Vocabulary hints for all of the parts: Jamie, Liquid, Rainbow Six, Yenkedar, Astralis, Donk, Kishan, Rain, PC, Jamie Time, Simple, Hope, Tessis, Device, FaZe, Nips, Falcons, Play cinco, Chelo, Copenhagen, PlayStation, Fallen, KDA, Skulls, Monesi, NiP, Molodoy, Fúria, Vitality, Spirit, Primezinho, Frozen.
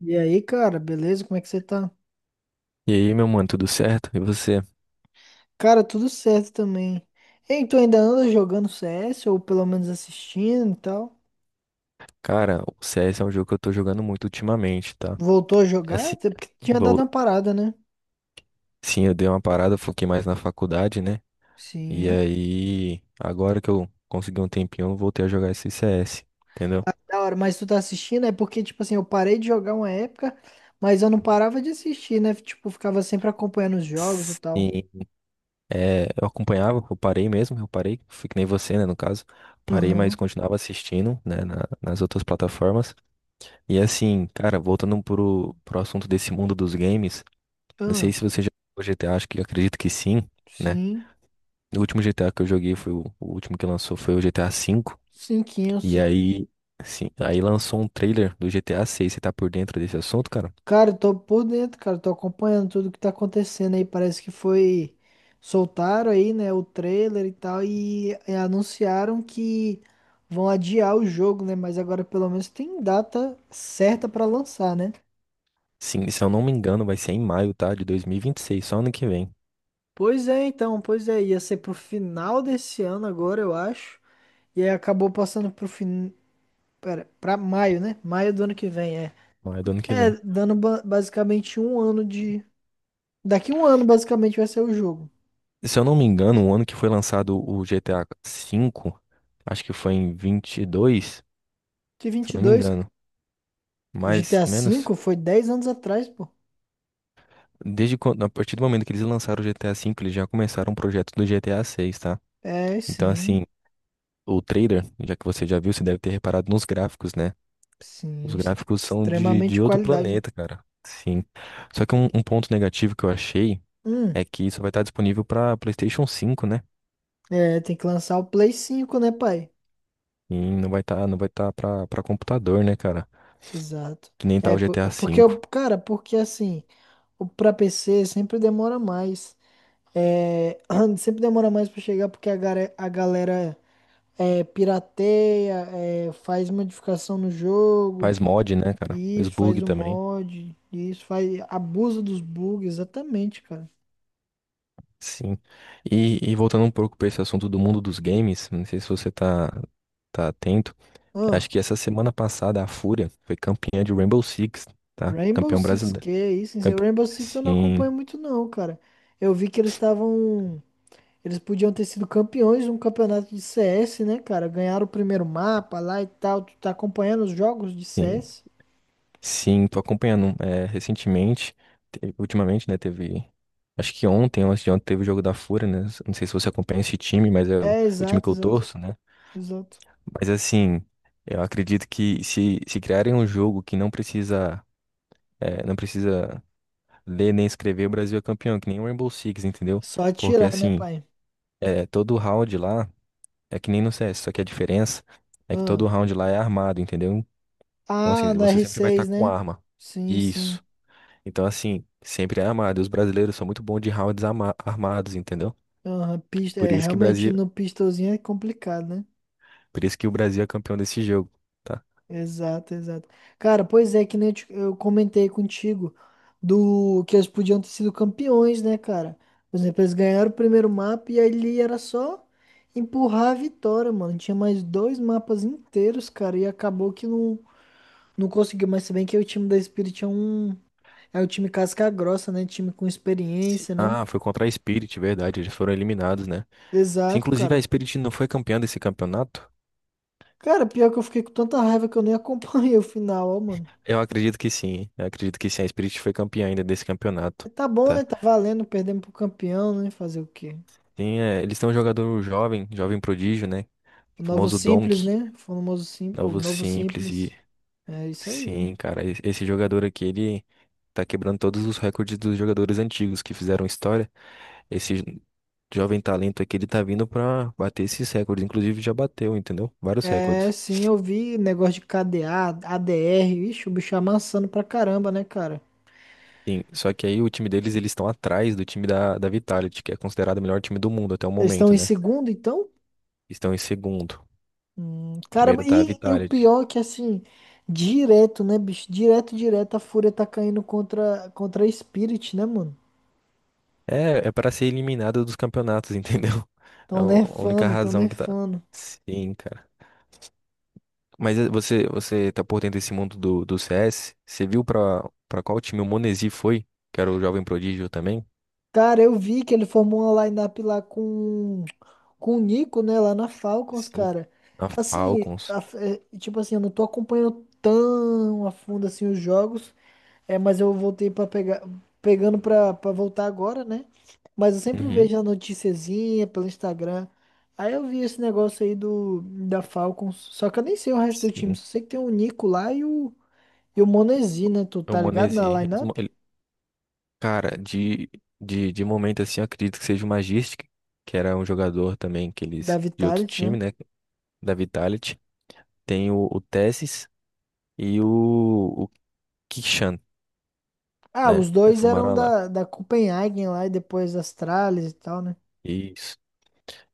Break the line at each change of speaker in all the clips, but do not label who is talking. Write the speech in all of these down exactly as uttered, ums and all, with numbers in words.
E aí, cara, beleza? Como é que você tá?
E aí, meu mano, tudo certo? E você?
Cara, tudo certo também. Ei, tu ainda anda jogando C S ou pelo menos assistindo e tal?
Cara, o C S é um jogo que eu tô jogando muito ultimamente, tá?
Voltou a jogar?
Assim,
Até porque tinha dado
vou...
uma parada, né?
sim, eu dei uma parada, foquei mais na faculdade, né? E
Sim.
aí, agora que eu consegui um tempinho, eu voltei a jogar esse C S, entendeu?
Da hora, mas tu tá assistindo é porque, tipo assim, eu parei de jogar uma época, mas eu não parava de assistir, né? Tipo, ficava sempre acompanhando os jogos e tal.
Sim, é, eu acompanhava, eu parei mesmo, eu parei, fui que nem você, né, no caso. Parei, mas
Aham.
continuava assistindo, né, na- nas outras plataformas. E assim, cara, voltando pro, pro assunto desse mundo dos games, não sei
Ah,
se você já jogou G GTA, acho que acredito que sim. Né?
sim.
O último G T A que eu joguei foi o, o último que lançou foi o G T A V.
Cinquinho,
E
sim.
aí, sim, aí lançou um trailer do G T A seis. Você tá por dentro desse assunto, cara?
Cara, eu tô por dentro, cara, tô acompanhando tudo que tá acontecendo aí. Parece que foi. Soltaram aí, né, o trailer e tal, e, e anunciaram que vão adiar o jogo, né? Mas agora pelo menos tem data certa pra lançar, né?
Sim, se eu não me engano, vai ser em maio, tá? De dois mil e vinte e seis, só ano que vem.
Pois é, então, pois é, ia ser pro final desse ano agora, eu acho. E aí acabou passando pro fin... Pera, pra maio, né? Maio do ano que vem, é.
Maio do ano que
É,
vem.
dando ba- basicamente um ano de. Daqui um ano, basicamente, vai ser o jogo.
Se eu não me engano, o ano que foi lançado o G T A V, acho que foi em vinte e dois,
Que,
se
vinte
eu
e
não me
dois
engano.
O
Mais,
G T A
menos.
V foi dez anos atrás, pô.
Desde quando, a partir do momento que eles lançaram o G T A V, eles já começaram o projeto do G T A seis, tá?
É,
Então,
sim.
assim, o trader, já que você já viu, você deve ter reparado nos gráficos, né?
Sim,
Os
ex-
gráficos são de,
extremamente
de outro
qualidade.
planeta, cara. Sim. Só que um, um ponto negativo que eu achei
Hum,
é que isso vai estar disponível para PlayStation cinco, né?
É, tem que lançar o Play cinco, né, pai?
E não vai estar, não vai estar para para computador, né, cara?
Exato.
Que nem tá
É,
o
po-
G T A
é porque,
V.
eu- cara, porque assim, o pra P C sempre demora mais. É, sempre demora mais pra chegar porque a, gare- a galera é, pirateia, é, faz modificação no jogo,
Faz mod, né, cara? Os
isso,
bug
faz o
também.
mod, isso, faz abuso dos bugs, exatamente, cara.
Sim. E, e voltando um pouco para esse assunto do mundo dos games, não sei se você tá, tá atento.
Ahn.
Acho que essa semana passada a Fúria foi campeã de Rainbow Six, tá?
Rainbow
Campeão
Six,
brasileiro.
que é isso? Hein?
Campe-
Rainbow Six eu não
Sim,
acompanho muito não, cara. Eu vi que eles estavam, eles podiam ter sido campeões de um campeonato de C S, né, cara? Ganharam o primeiro mapa lá e tal. Tu tá acompanhando os jogos de
sim,
C S?
sim, tô acompanhando, é, recentemente, te- ultimamente, né, teve, acho que ontem, ou antes de ontem, teve o jogo da Fúria, né, não sei se você acompanha esse time, mas é o,
É,
o time que
exato,
eu
exato,
torço, né,
exato.
mas assim, eu acredito que, se, se criarem um jogo que não precisa, é, não precisa ler nem escrever, o Brasil é campeão, que nem o Rainbow Six, entendeu,
Só
porque
atirar, né,
assim,
pai?
é, todo round lá, é que nem no C S, só que a diferença é que todo
Ah,
round lá é armado, entendeu. Então, assim,
Ah, no
você
r
sempre vai estar
seis,
com
né?
arma.
Sim, sim.
Isso. Então, assim, sempre é armado. E os brasileiros são muito bons de rounds ama- armados, entendeu?
Aham, pista,
Por
é,
isso que
realmente
Brasil,
no pistolzinho é complicado, né?
por isso que o Brasil é campeão desse jogo. Tá?
Exato, exato. Cara, pois é, que nem eu te- eu comentei contigo do que eles podiam ter sido campeões, né, cara? Por exemplo, eles ganharam o primeiro mapa e ali era só empurrar a vitória, mano. Tinha mais dois mapas inteiros, cara, e acabou que não, não conseguiu. Mas se bem que o time da Spirit é um, é o time casca grossa, né? Time com
Se-
experiência, né?
Ah, foi contra a Spirit, verdade. Eles foram eliminados, né? Se
Exato,
inclusive a
cara.
Spirit não foi campeã desse campeonato,
Cara, pior que eu fiquei com tanta raiva que eu nem acompanhei o final, ó, mano.
eu acredito que sim. Eu acredito que sim, a Spirit foi campeã ainda desse campeonato.
Tá bom,
Tá?
né? Tá valendo, perdemos pro campeão, né? Fazer o quê?
Tem, é, eles têm um jogador jovem, jovem prodígio, né?
O
O
novo
famoso
simples,
Donk,
né? O famoso simples. O
novo
novo
simples.
simples.
E
É isso aí.
Sim, cara, e- esse jogador aqui, ele tá quebrando todos os recordes dos jogadores antigos que fizeram história. Esse jovem talento aqui, ele tá vindo pra bater esses recordes, inclusive já bateu, entendeu? Vários
É,
recordes.
sim, eu vi negócio de K D A, A D R. Ixi, o bicho amassando pra caramba, né, cara?
Sim, só que aí o time deles, eles estão atrás do time da, da Vitality, que é considerado o melhor time do mundo até o
Eles estão
momento,
em
né?
segundo, então?
Estão em segundo.
Hum, caramba,
Primeiro tá a
e, e o
Vitality.
pior é que, assim, direto, né, bicho? Direto, direto, a Fúria tá caindo contra, contra a Spirit, né, mano?
É, é para ser eliminado dos campeonatos, entendeu? É
Tão
a única
nerfando, tão
razão que tá.
nerfando.
Sim, cara. Mas eh, você, você tá por dentro desse mundo do, do C S? Você viu pra, pra qual time o Monesi foi? Que era o jovem prodígio também?
Cara, eu vi que ele formou uma lineup lá com, com o Nico, né? Lá na Falcons,
Sim.
cara.
Na
Assim,
Falcons.
a- é, tipo assim, eu não tô acompanhando tão a fundo assim os jogos. É, mas eu voltei para pegar, pegando pra, pra voltar agora, né? Mas eu sempre
Uhum.
vejo a noticiazinha pelo Instagram. Aí eu vi esse negócio aí do, da Falcons. Só que eu nem sei o resto do time.
Sim.
Só sei que tem o Nico lá e o, e o Monesi, né? Tu
É o
tá ligado
Monesi.
na
Eles mo-
lineup
ele- Cara, de, de, de momento assim, eu acredito que seja o Magistic, que era um jogador também que
da
eles, de outro
Vitality, né?
time, né? Da Vitality. Tem o, o Tessis e o, o Kishan,
Ah,
né?
os dois eram
Reformaram lá.
da, da Copenhagen lá e depois das Astralis e tal, né?
Isso.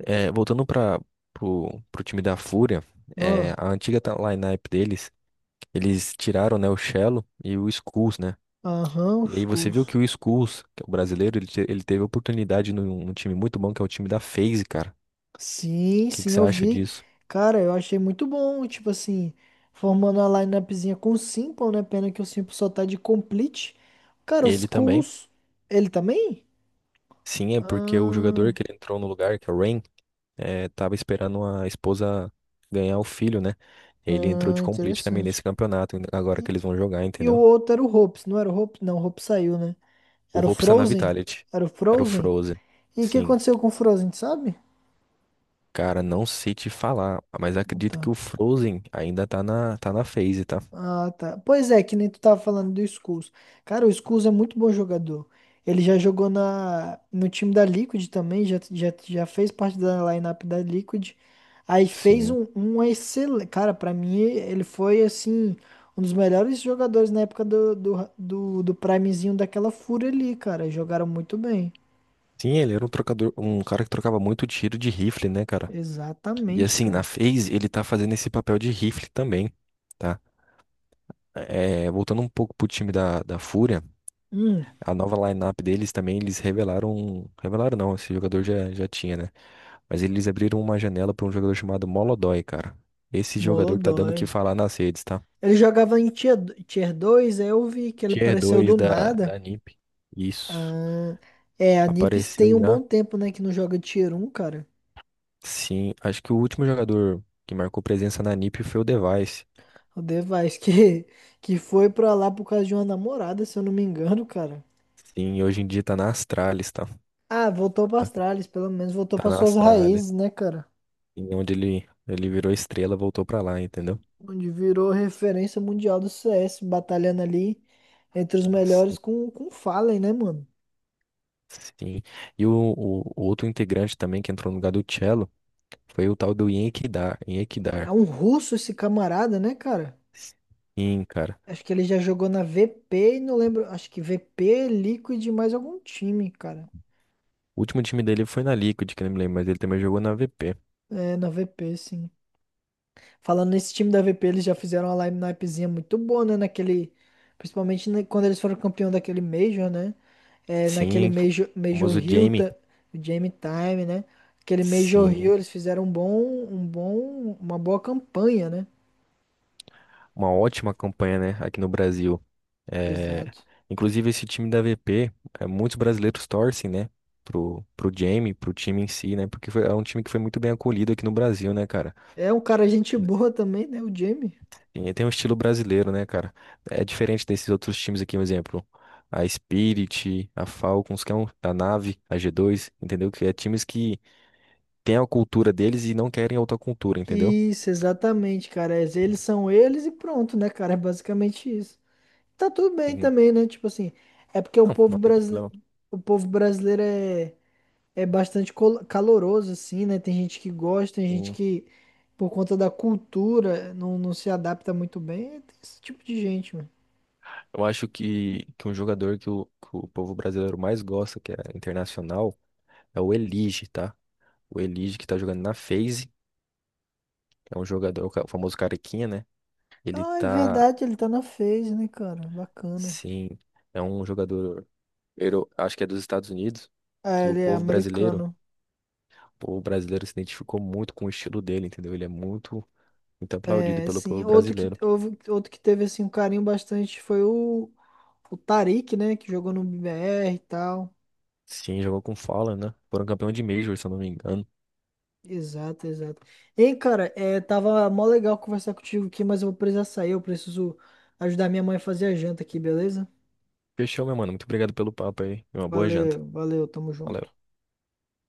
É, voltando para pro, pro time da Fúria, é,
Ó,
a antiga ta- up deles, eles tiraram, né, o Chelo e o Skulls, né?
aham,
E
os
aí você viu
cursos.
que o Skulls, que é o brasileiro, ele, te- ele teve oportunidade num, num time muito bom, que é o time da FaZe, cara. O
Sim,
que, que
sim,
você
eu
acha
vi.
disso?
Cara, eu achei muito bom, tipo assim, formando a lineupzinha com o Simple, né? Pena que o Simple só tá de complete. Cara, os
Ele também.
cursos, ele também?
Sim, é porque o jogador
Ah,
que ele entrou no lugar, que é o Rain, é, tava esperando a esposa ganhar o filho, né? Ele entrou de
ah,
complete também nesse
interessante.
campeonato, agora que
E,
eles vão jogar,
e o
entendeu?
outro era o Hopes, não era o Hopes? Não, o Hopes saiu, né?
O
Era o
Hope está na
Frozen?
Vitality.
Era o
Era o
Frozen?
Frozen.
E o que
Sim.
aconteceu com o Frozen, sabe?
Cara, não sei te falar, mas acredito que
Então.
o Frozen ainda tá na, tá na phase, tá?
Ah, tá. Pois é, que nem tu tava falando do Skulls. Cara, o Skulls é muito bom jogador. Ele já jogou na, no time da Liquid também, já, já, já fez parte da lineup da Liquid. Aí fez
Sim.
um, um excelente. Cara, pra mim, ele foi assim, um dos melhores jogadores na época do, do, do, do Primezinho daquela fúria ali, cara. Jogaram muito bem.
Sim, ele era um trocador, um cara que trocava muito tiro de rifle, né, cara? E
Exatamente,
assim, na
cara.
phase ele tá fazendo esse papel de rifle também, tá? É, voltando um pouco pro time da, da Fúria,
Hum,
a nova lineup deles também, eles revelaram. Revelaram não, esse jogador já, já tinha, né? Mas eles abriram uma janela pra um jogador chamado Molodói, cara. Esse jogador tá dando o que
Molodói.
falar nas redes, tá?
Ele jogava em tier, tier dois, aí eu vi que ele
Tier
apareceu
dois
do
da,
nada.
da NiP. Isso.
Ah, é, a Nips tem
Apareceu
um
já?
bom tempo, né, que não joga Tier um, cara.
Sim, acho que o último jogador que marcou presença na NiP foi o Device.
O Device que, que foi pra lá por causa de uma namorada, se eu não me engano, cara.
Sim, hoje em dia tá na Astralis, tá?
Ah, voltou pra Astralis, pelo menos voltou
Tá
para
na
suas
Astralis.
raízes, né, cara?
Sim, onde ele, ele virou estrela, voltou pra lá, entendeu?
Onde virou referência mundial do C S, batalhando ali entre os melhores
Sim,
com, com o Fallen, né, mano?
sim. E o, o, o outro integrante também que entrou no lugar do Cello foi o tal do Yenkedar.
É
Yenkedar.
um russo esse camarada, né, cara?
Sim, cara.
Acho que ele já jogou na V P e não lembro. Acho que V P, Liquid e mais algum time, cara.
O último time dele foi na Liquid, que eu não me lembro, mas ele também jogou na V P.
É, na V P, sim. Falando nesse time da V P, eles já fizeram uma lineupzinha muito boa, né? Naquele, principalmente na- quando eles foram campeão daquele Major, né? É, naquele
Sim,
Major,
o
Major
famoso
Hill,
Jamie.
ta- o Jamie Time, né? Aquele Major
Sim.
Hill, eles fizeram um bom, um bom, uma boa campanha, né?
Uma ótima campanha, né, aqui no Brasil. É,
Exato.
inclusive, esse time da V P, é, muitos brasileiros torcem, né, pro, pro Jamie, pro time em si, né, porque foi- é um time que foi muito bem acolhido aqui no Brasil, né, cara.
É um cara gente boa também, né? O Jamie.
E tem um estilo brasileiro, né, cara? É diferente desses outros times aqui, por exemplo. A Spirit, a Falcons, que é um, a Nave, a g dois, entendeu? Que é times que têm a cultura deles e não querem outra cultura, entendeu?
Isso, exatamente, cara. É, eles são eles e pronto, né, cara? É basicamente isso. Tá tudo bem
E-
também, né? Tipo assim, é porque o
não, não
povo
tem
brasileiro,
problema.
o povo brasileiro é é bastante col- caloroso, assim, né? Tem gente que gosta, tem gente que, por conta da cultura, não, não se adapta muito bem. Tem esse tipo de gente, mano.
Eu acho que, que um jogador que o, que o povo brasileiro mais gosta, que é internacional, é o Elige, tá? O Elige que tá jogando na FaZe, é um jogador, o ca- o famoso carequinha, né? Ele
Ah, é
tá,
verdade, ele tá na FaZe, né, cara? Bacana.
sim, é um jogador, euro- acho que é dos Estados Unidos,
Ah,
que o
ele é
povo brasileiro,
americano.
o povo brasileiro se identificou muito com o estilo dele, entendeu? Ele é muito, muito aplaudido
É,
pelo
sim.
povo
Outro que,
brasileiro.
houve- outro que teve, assim, um carinho bastante foi o, o Tarik, né? Que jogou no B R e tal.
Sim, jogou com Fala, né? Foram campeão de Major, se eu não me engano.
Exato, exato. Ei, cara, é, tava mó legal conversar contigo aqui, mas eu vou precisar sair. Eu preciso ajudar minha mãe a fazer a janta aqui, beleza?
Fechou, meu mano. Muito obrigado pelo papo aí. Uma boa janta.
Valeu, valeu, tamo junto.
Valeu.